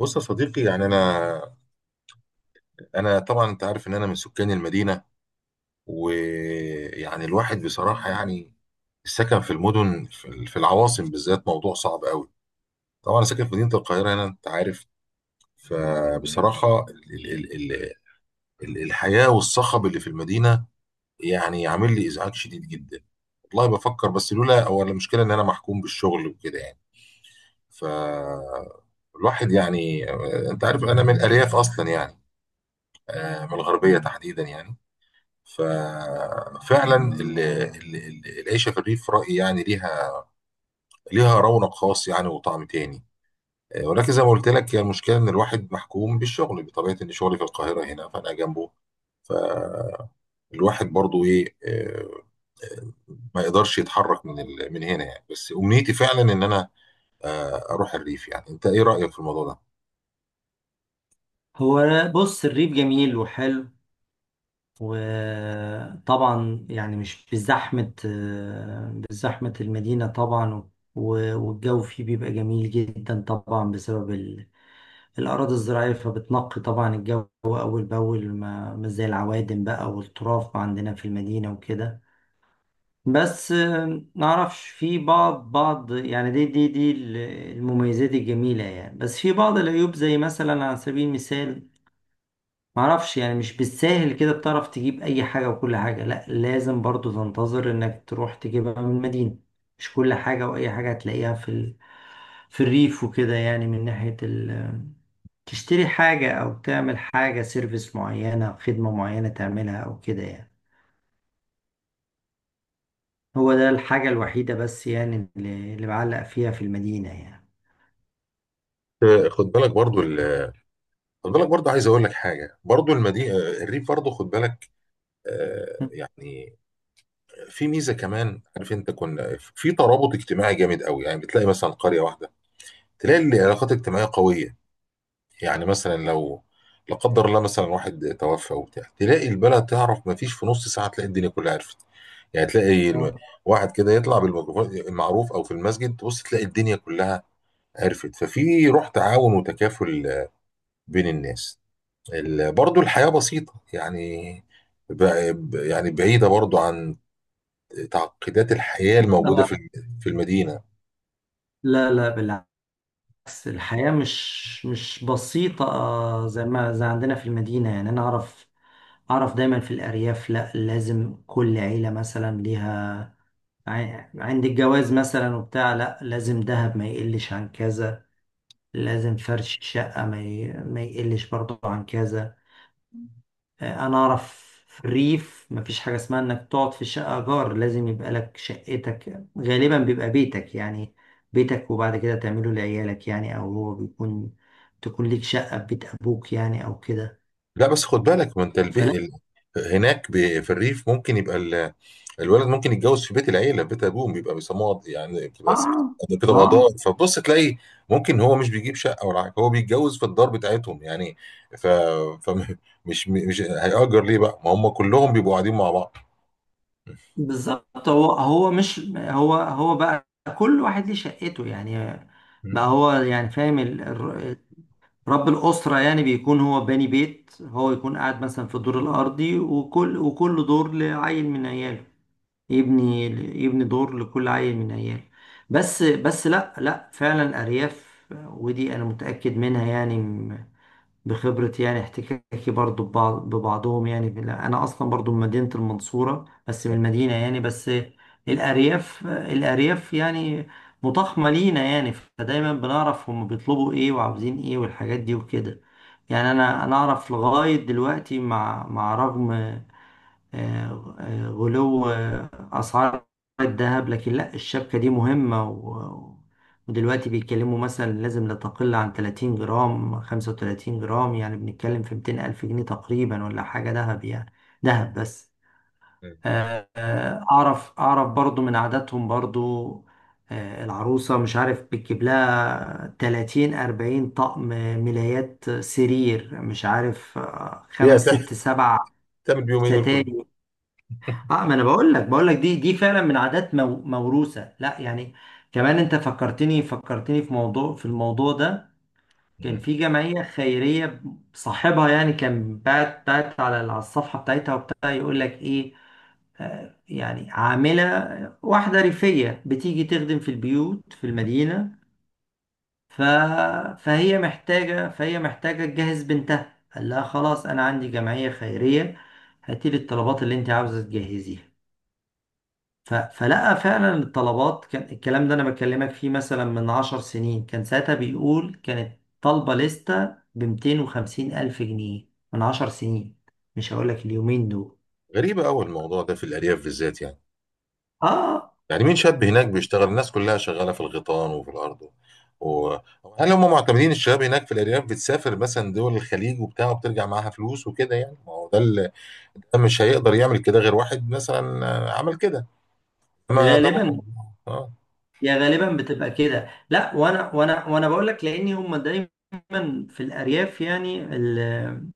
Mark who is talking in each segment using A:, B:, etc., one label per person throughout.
A: بص يا صديقي، يعني انا طبعا انت عارف ان انا من سكان المدينه. ويعني الواحد بصراحه، يعني السكن في المدن، في العواصم بالذات، موضوع صعب قوي. طبعا انا ساكن في مدينه القاهره هنا، انت عارف. فبصراحه، ال ال ال ال الحياه والصخب اللي في المدينه، يعني عامل لي ازعاج شديد جدا. والله بفكر، بس لولا هو المشكله ان انا محكوم بالشغل وكده يعني. ف الواحد يعني، انت عارف انا من الارياف اصلا يعني، آه، من الغربيه تحديدا يعني. ففعلا العيشه في الريف، رايي يعني ليها رونق خاص يعني، وطعم تاني. آه، ولكن زي ما قلت لك، هي المشكله ان الواحد محكوم بالشغل، بطبيعه ان شغلي في القاهره هنا فانا جنبه. فالواحد برضو ايه، آه، ما يقدرش يتحرك من هنا يعني. بس امنيتي فعلا ان انا، آه، اروح الريف. يعني انت ايه رايك في الموضوع ده؟
B: هو بص، الريف جميل وحلو، وطبعا يعني مش بزحمة المدينة طبعا. والجو فيه بيبقى جميل جدا طبعا بسبب الأراضي الزراعية، فبتنقي طبعا الجو أول بأول، ما زي العوادم بقى والتراب عندنا في المدينة وكده. بس نعرفش في بعض يعني دي المميزات الجميلة يعني. بس في بعض العيوب، زي مثلا، على سبيل المثال، معرفش يعني مش بالساهل كده بتعرف تجيب اي حاجة، وكل حاجة، لا لازم برضو تنتظر انك تروح تجيبها من المدينة. مش كل حاجة واي حاجة هتلاقيها في في الريف وكده يعني، من ناحية تشتري حاجة او تعمل حاجة سيرفيس معينة او خدمة معينة تعملها او كده يعني. هو ده الحاجة الوحيدة بس يعني اللي بعلق فيها في المدينة يعني.
A: آه، خد بالك برضو خد بالك برضو، عايز اقول لك حاجه. برضو المدينه، الريف، برضو خد بالك، آه، يعني في ميزه كمان. عارف انت كنا في ترابط اجتماعي جامد قوي، يعني بتلاقي مثلا قريه واحده، تلاقي العلاقات الاجتماعيه قويه. يعني مثلا لو لا قدر الله مثلا واحد توفى وبتاع، تلاقي البلد تعرف ما فيش في نص ساعه تلاقي الدنيا كلها عرفت. يعني تلاقي
B: آه.
A: واحد كده يطلع بالميكروفون المعروف، او في المسجد، تبص تلاقي الدنيا كلها عرفت. ففي روح تعاون وتكافل، آه، بين الناس. برضو الحياه بسيطه يعني، ب- يعني بعيده برضو عن تعقيدات الحياة الموجودة
B: لا،
A: في في المدينة.
B: لا، لا، بالعكس. بس الحياة مش بسيطة، زي ما زي عندنا في المدينة يعني. أنا أعرف دايما في الأرياف، لأ لازم كل عيلة مثلا ليها، عند الجواز مثلا وبتاع، لأ لازم دهب ما يقلش عن كذا، لازم فرش شقة ما يقلش برضه عن كذا. انا اعرف في الريف مفيش حاجه اسمها انك تقعد في شقه جار، لازم يبقى لك شقتك، غالبا بيبقى بيتك يعني، بيتك، وبعد كده تعمله لعيالك يعني، او هو بيكون تكون ليك شقه في بيت ابوك يعني او كده.
A: لا بس خد بالك، ما انت
B: فلا.
A: هناك، في الريف ممكن يبقى الولد ممكن يتجوز في بيت العيلة، في بيت أبوه، بيبقى بيسموها يعني، بتبقى
B: اه.
A: كده
B: ما
A: قضاء. فبص تلاقي ممكن هو مش بيجيب شقة ولا حاجة، هو بيتجوز في الدار بتاعتهم يعني. ف... فمش، مش هيأجر ليه بقى، ما هم كلهم بيبقوا قاعدين مع بعض.
B: بالظبط، هو مش، هو بقى كل واحد ليه شقته يعني. بقى
A: مم.
B: هو يعني، فاهم، رب الأسرة يعني بيكون هو باني بيت، هو يكون قاعد مثلا في الدور الأرضي، وكل دور لعيل من عياله، يبني يبني دور لكل عيل من عياله. بس لا، لا، فعلا أرياف، ودي أنا متأكد منها يعني، بخبرة يعني، احتكاكي برضو ببعضهم يعني. أنا أصلا برضو من مدينة المنصورة، بس من المدينة يعني. بس الأرياف يعني متخمة لينا يعني، فدايما بنعرف هم بيطلبوا إيه وعاوزين إيه والحاجات دي وكده يعني. أنا أعرف لغاية دلوقتي، مع رغم، غلو، أسعار الذهب، لكن لا، الشبكة دي مهمة ودلوقتي بيتكلموا مثلا لازم لا تقل عن 30 جرام، 35 جرام يعني، بنتكلم في 200 ألف جنيه تقريبا ولا حاجة ذهب يعني، ذهب بس. أعرف برضو من عاداتهم برضو، العروسة مش عارف بتجيب لها 30 40 طقم، ملايات سرير مش عارف،
A: هي
B: خمس ست سبع
A: هتعمل بيهم ايه دول كلهم؟
B: ستاير. اه، ما انا بقول لك دي فعلا من عادات موروثه، لا يعني. كمان انت فكرتني في الموضوع ده، كان
A: مم.
B: في جمعيه خيريه، صاحبها يعني كان بعت على الصفحه بتاعتها وبتاع، يقول لك ايه، يعني عامله واحده ريفيه بتيجي تخدم في البيوت في المدينه، ف فهي محتاجه تجهز بنتها، قال لها خلاص انا عندي جمعيه خيريه، هاتي لي الطلبات اللي انت عاوزه تجهزيها. فلقى فعلا الطلبات، كان الكلام ده انا بكلمك فيه مثلا من 10 سنين، كان ساعتها بيقول كانت طالبة لستة ب 250 ألف جنيه، من 10 سنين، مش هقول لك اليومين دول.
A: غريبة أوي الموضوع ده في الأرياف بالذات يعني.
B: اه،
A: يعني مين شاب هناك بيشتغل؟ الناس كلها شغالة في الغيطان وفي الأرض، و... هل هم معتمدين؟ الشباب هناك في الأرياف بتسافر مثلا دول الخليج وبتاع، وبترجع معاها فلوس وكده يعني؟ ما هو ده اللي، ده مش هيقدر يعمل كده غير واحد مثلا، آه، عمل كده. ما ده
B: غالبا،
A: اه.
B: يا غالبا بتبقى كده، لا، وانا بقول لك، لان هم دايما في الارياف يعني،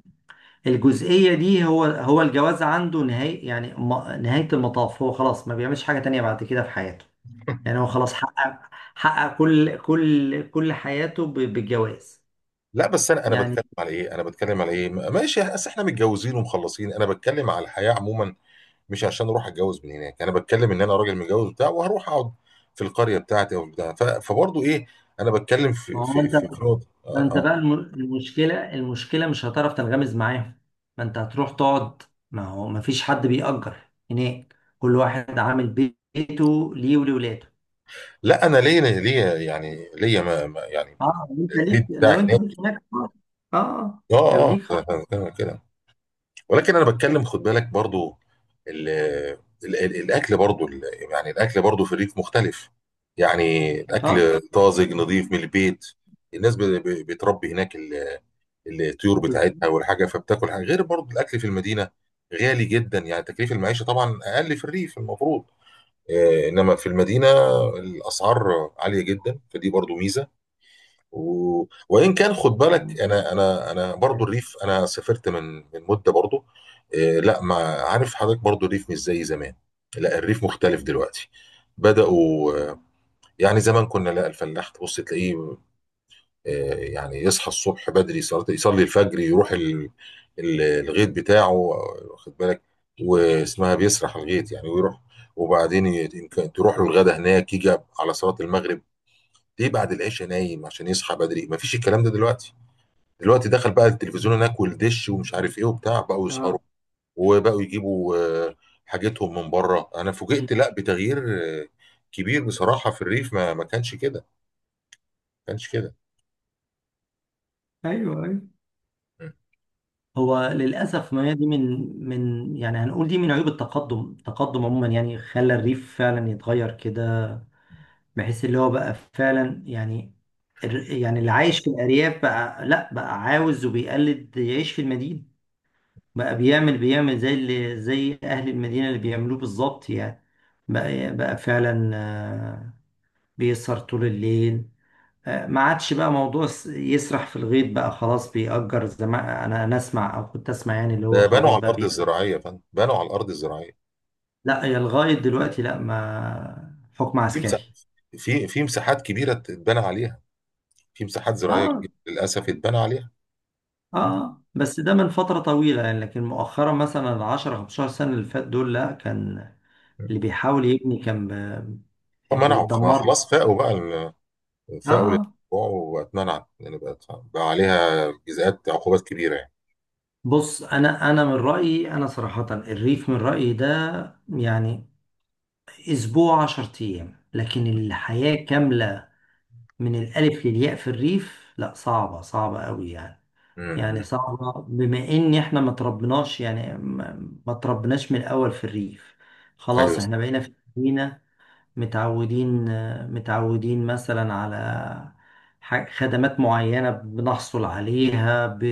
B: الجزئيه دي، هو الجواز عنده نهايه يعني، نهايه المطاف، هو خلاص ما بيعملش حاجه تانية بعد كده في حياته يعني. هو خلاص حقق كل حياته بالجواز
A: لا بس انا،
B: يعني.
A: بتكلم على ايه انا بتكلم على ايه، ماشي، اصل احنا متجوزين ومخلصين، انا بتكلم على الحياة عموما. مش عشان اروح اتجوز من هناك، انا بتكلم ان انا راجل متجوز بتاع، وهروح اقعد في القرية بتاعتي او بتاع. فبرضه ايه، انا بتكلم في
B: ما هو
A: في
B: انت
A: في في نقطة.
B: ما انت بقى المشكله مش هتعرف تنغمز معاهم، ما انت هتروح تقعد، ما هو ما فيش حد بيأجر هناك، كل واحد عامل بيته ليه ولولاده.
A: لا انا ليا يعني ليا، ما يعني،
B: اه،
A: ليه بتاع
B: لو انت
A: هناك،
B: ليك هناك، اه. اه، لو
A: اه،
B: ليك خلاص.
A: اه، كده. ولكن انا بتكلم خد بالك، برضو ال ال ال الاكل برضو يعني الاكل برضو في الريف مختلف. يعني
B: اه،
A: الاكل طازج نظيف من البيت، الناس بتربي هناك الطيور بتاعتها
B: بالظبط.
A: والحاجه، فبتاكل حاجه غير برضو الاكل في المدينه. غالي جدا يعني، تكليف المعيشه طبعا اقل في الريف المفروض، آه، انما في المدينه الاسعار عاليه جدا، فدي برضو ميزه. وان كان خد
B: اه،
A: بالك، انا برضو الريف انا سافرت من مده برضو. إيه لا، ما عارف حضرتك، برضو الريف مش زي زمان. لا، الريف مختلف دلوقتي، بداوا آه، يعني زمان كنا لا، الفلاح تبص تلاقيه، آه، يعني يصحى الصبح بدري، صلاة يصلي الفجر، يروح الغيط بتاعه، واخد بالك، واسمها بيسرح الغيط يعني، ويروح. وبعدين يمكن تروح له الغدا هناك، يجي على صلاة المغرب. ليه بعد العشاء نايم عشان يصحى بدري. مفيش الكلام ده دلوقتي. دلوقتي دخل بقى التلفزيون هناك والدش ومش عارف ايه وبتاع، بقوا يسهروا،
B: اه.
A: وبقوا يجيبوا، آه، حاجتهم من بره. انا فوجئت لا بتغيير، آه، كبير بصراحة في الريف. ما كانش كده.
B: ايوه، ايوه.
A: م.
B: هو للأسف، ما هي دي من يعني هنقول، دي من عيوب التقدم عموما يعني، خلى الريف فعلا يتغير كده، بحيث اللي هو بقى فعلا يعني، يعني اللي عايش في الأرياف، بقى لا بقى عاوز وبيقلد يعيش في المدينة، بقى بيعمل زي أهل المدينة اللي بيعملوه بالظبط يعني. بقى فعلا، بيسهر طول الليل، ما عادش بقى موضوع يسرح في الغيط، بقى خلاص بيأجر زي ما انا اسمع او كنت اسمع يعني، اللي هو
A: ده بنوا
B: خلاص
A: على
B: بقى.
A: الارض الزراعية يا فندم، بنوا على الارض الزراعية.
B: لا، هي لغاية دلوقتي لا، ما حكم
A: في مساحات
B: عسكري.
A: في مساحات كبيرة اتبنى عليها. في مساحات زراعية
B: اه،
A: كبيرة للاسف اتبنى عليها. م.
B: اه، بس ده من فترة طويلة يعني، لكن مؤخرا، مثلا العشرة 15 سنة اللي فات دول، لا كان
A: م.
B: اللي بيحاول يبني كان
A: منعوا، ما
B: بيتدمر له.
A: خلاص، فاقوا بقى ال- فاقوا
B: اه،
A: للموضوع، واتمنعت يعني، بقت بقى عليها جزاءات عقوبات كبيرة يعني.
B: بص، انا من رأيي، انا صراحة الريف من رأيي ده يعني اسبوع 10 ايام، لكن الحياة كاملة من الالف للياء في الريف، لا صعبة، صعبة قوي يعني.
A: م-
B: يعني
A: م.
B: صعبة بما ان احنا ما تربناش يعني، ما تربناش من الاول في الريف،
A: ايوه
B: خلاص
A: صح.
B: احنا بقينا في المدينة، متعودين متعودين مثلا على خدمات معينة بنحصل عليها ب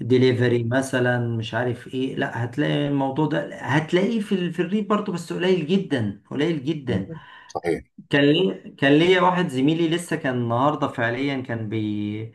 B: ديليفري مثلا، مش عارف ايه، لا هتلاقي الموضوع ده هتلاقيه في الريف برضه، بس قليل جدا، قليل
A: مم.
B: جدا.
A: صحيح.
B: كان ليا واحد زميلي لسه كان النهارده فعليا، كان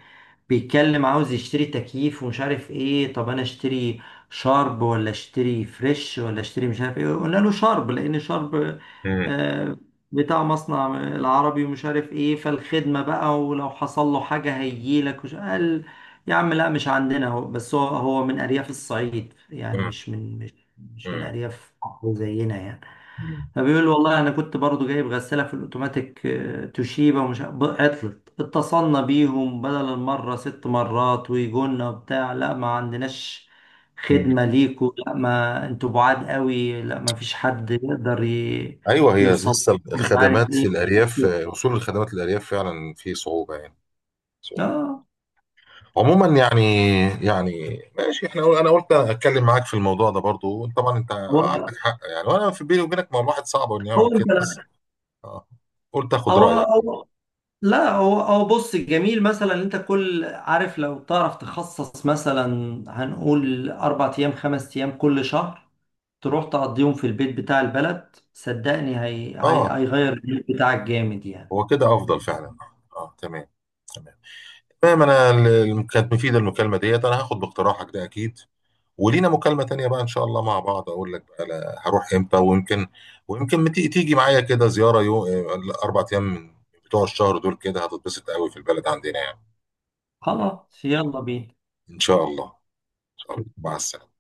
B: بيتكلم، عاوز يشتري تكييف ومش عارف ايه، طب انا اشتري شارب ولا اشتري فريش ولا اشتري، مش عارف ايه، قلنا له شارب، لان شارب
A: مم.
B: آه، بتاع مصنع العربي ومش عارف ايه، فالخدمة بقى ولو حصل له حاجة هيجيلك. وش قال، يا عم لا مش عندنا. هو بس هو من ارياف الصعيد يعني،
A: مم.
B: مش من مش مش من
A: مم.
B: ارياف زينا يعني.
A: مم.
B: فبيقول له والله انا كنت برضو جايب غساله في الاوتوماتيك، توشيبا، ومش عطلت، اتصلنا بيهم بدل المره 6 مرات ويجونا وبتاع، لا ما عندناش
A: مم.
B: خدمه ليكوا، لا ما انتوا بعاد قوي، لا ما فيش حد يقدر
A: ايوه، هي
B: يوصل،
A: لسه
B: مش عارف
A: الخدمات في
B: ايه.
A: الارياف، وصول الخدمات للارياف فعلا في صعوبه يعني. صعوبه
B: اه.
A: عموما يعني. يعني ماشي، احنا انا قلت اتكلم معاك في الموضوع ده. برضو طبعا انت
B: هو
A: عندك حق يعني، وانا في بيني وبينك، ما الواحد صعب انه يعمل
B: هو
A: كده
B: انت
A: بس. آه. قلت اخد
B: هو
A: رايك.
B: هو لا، هو بص، جميل مثلا إن انت كل عارف، لو تعرف تخصص مثلا هنقول 4 ايام، 5 ايام كل شهر، تروح تقضيهم في البيت بتاع البلد، صدقني
A: اه،
B: هيغير البيت بتاعك جامد يعني.
A: هو كده افضل فعلا. اه، تمام، تمام، تمام. انا كانت مفيده المكالمه ديت، انا هاخد باقتراحك ده اكيد. ولينا مكالمة تانية بقى إن شاء الله، مع بعض أقول لك بقى هروح إمتى، ويمكن تيجي معايا كده زيارة يوم، 4 أيام من بتوع الشهر دول، كده هتتبسط قوي في البلد عندنا يعني.
B: خلاص، يلا بينا.
A: إن شاء الله. إن شاء الله، مع السلامة.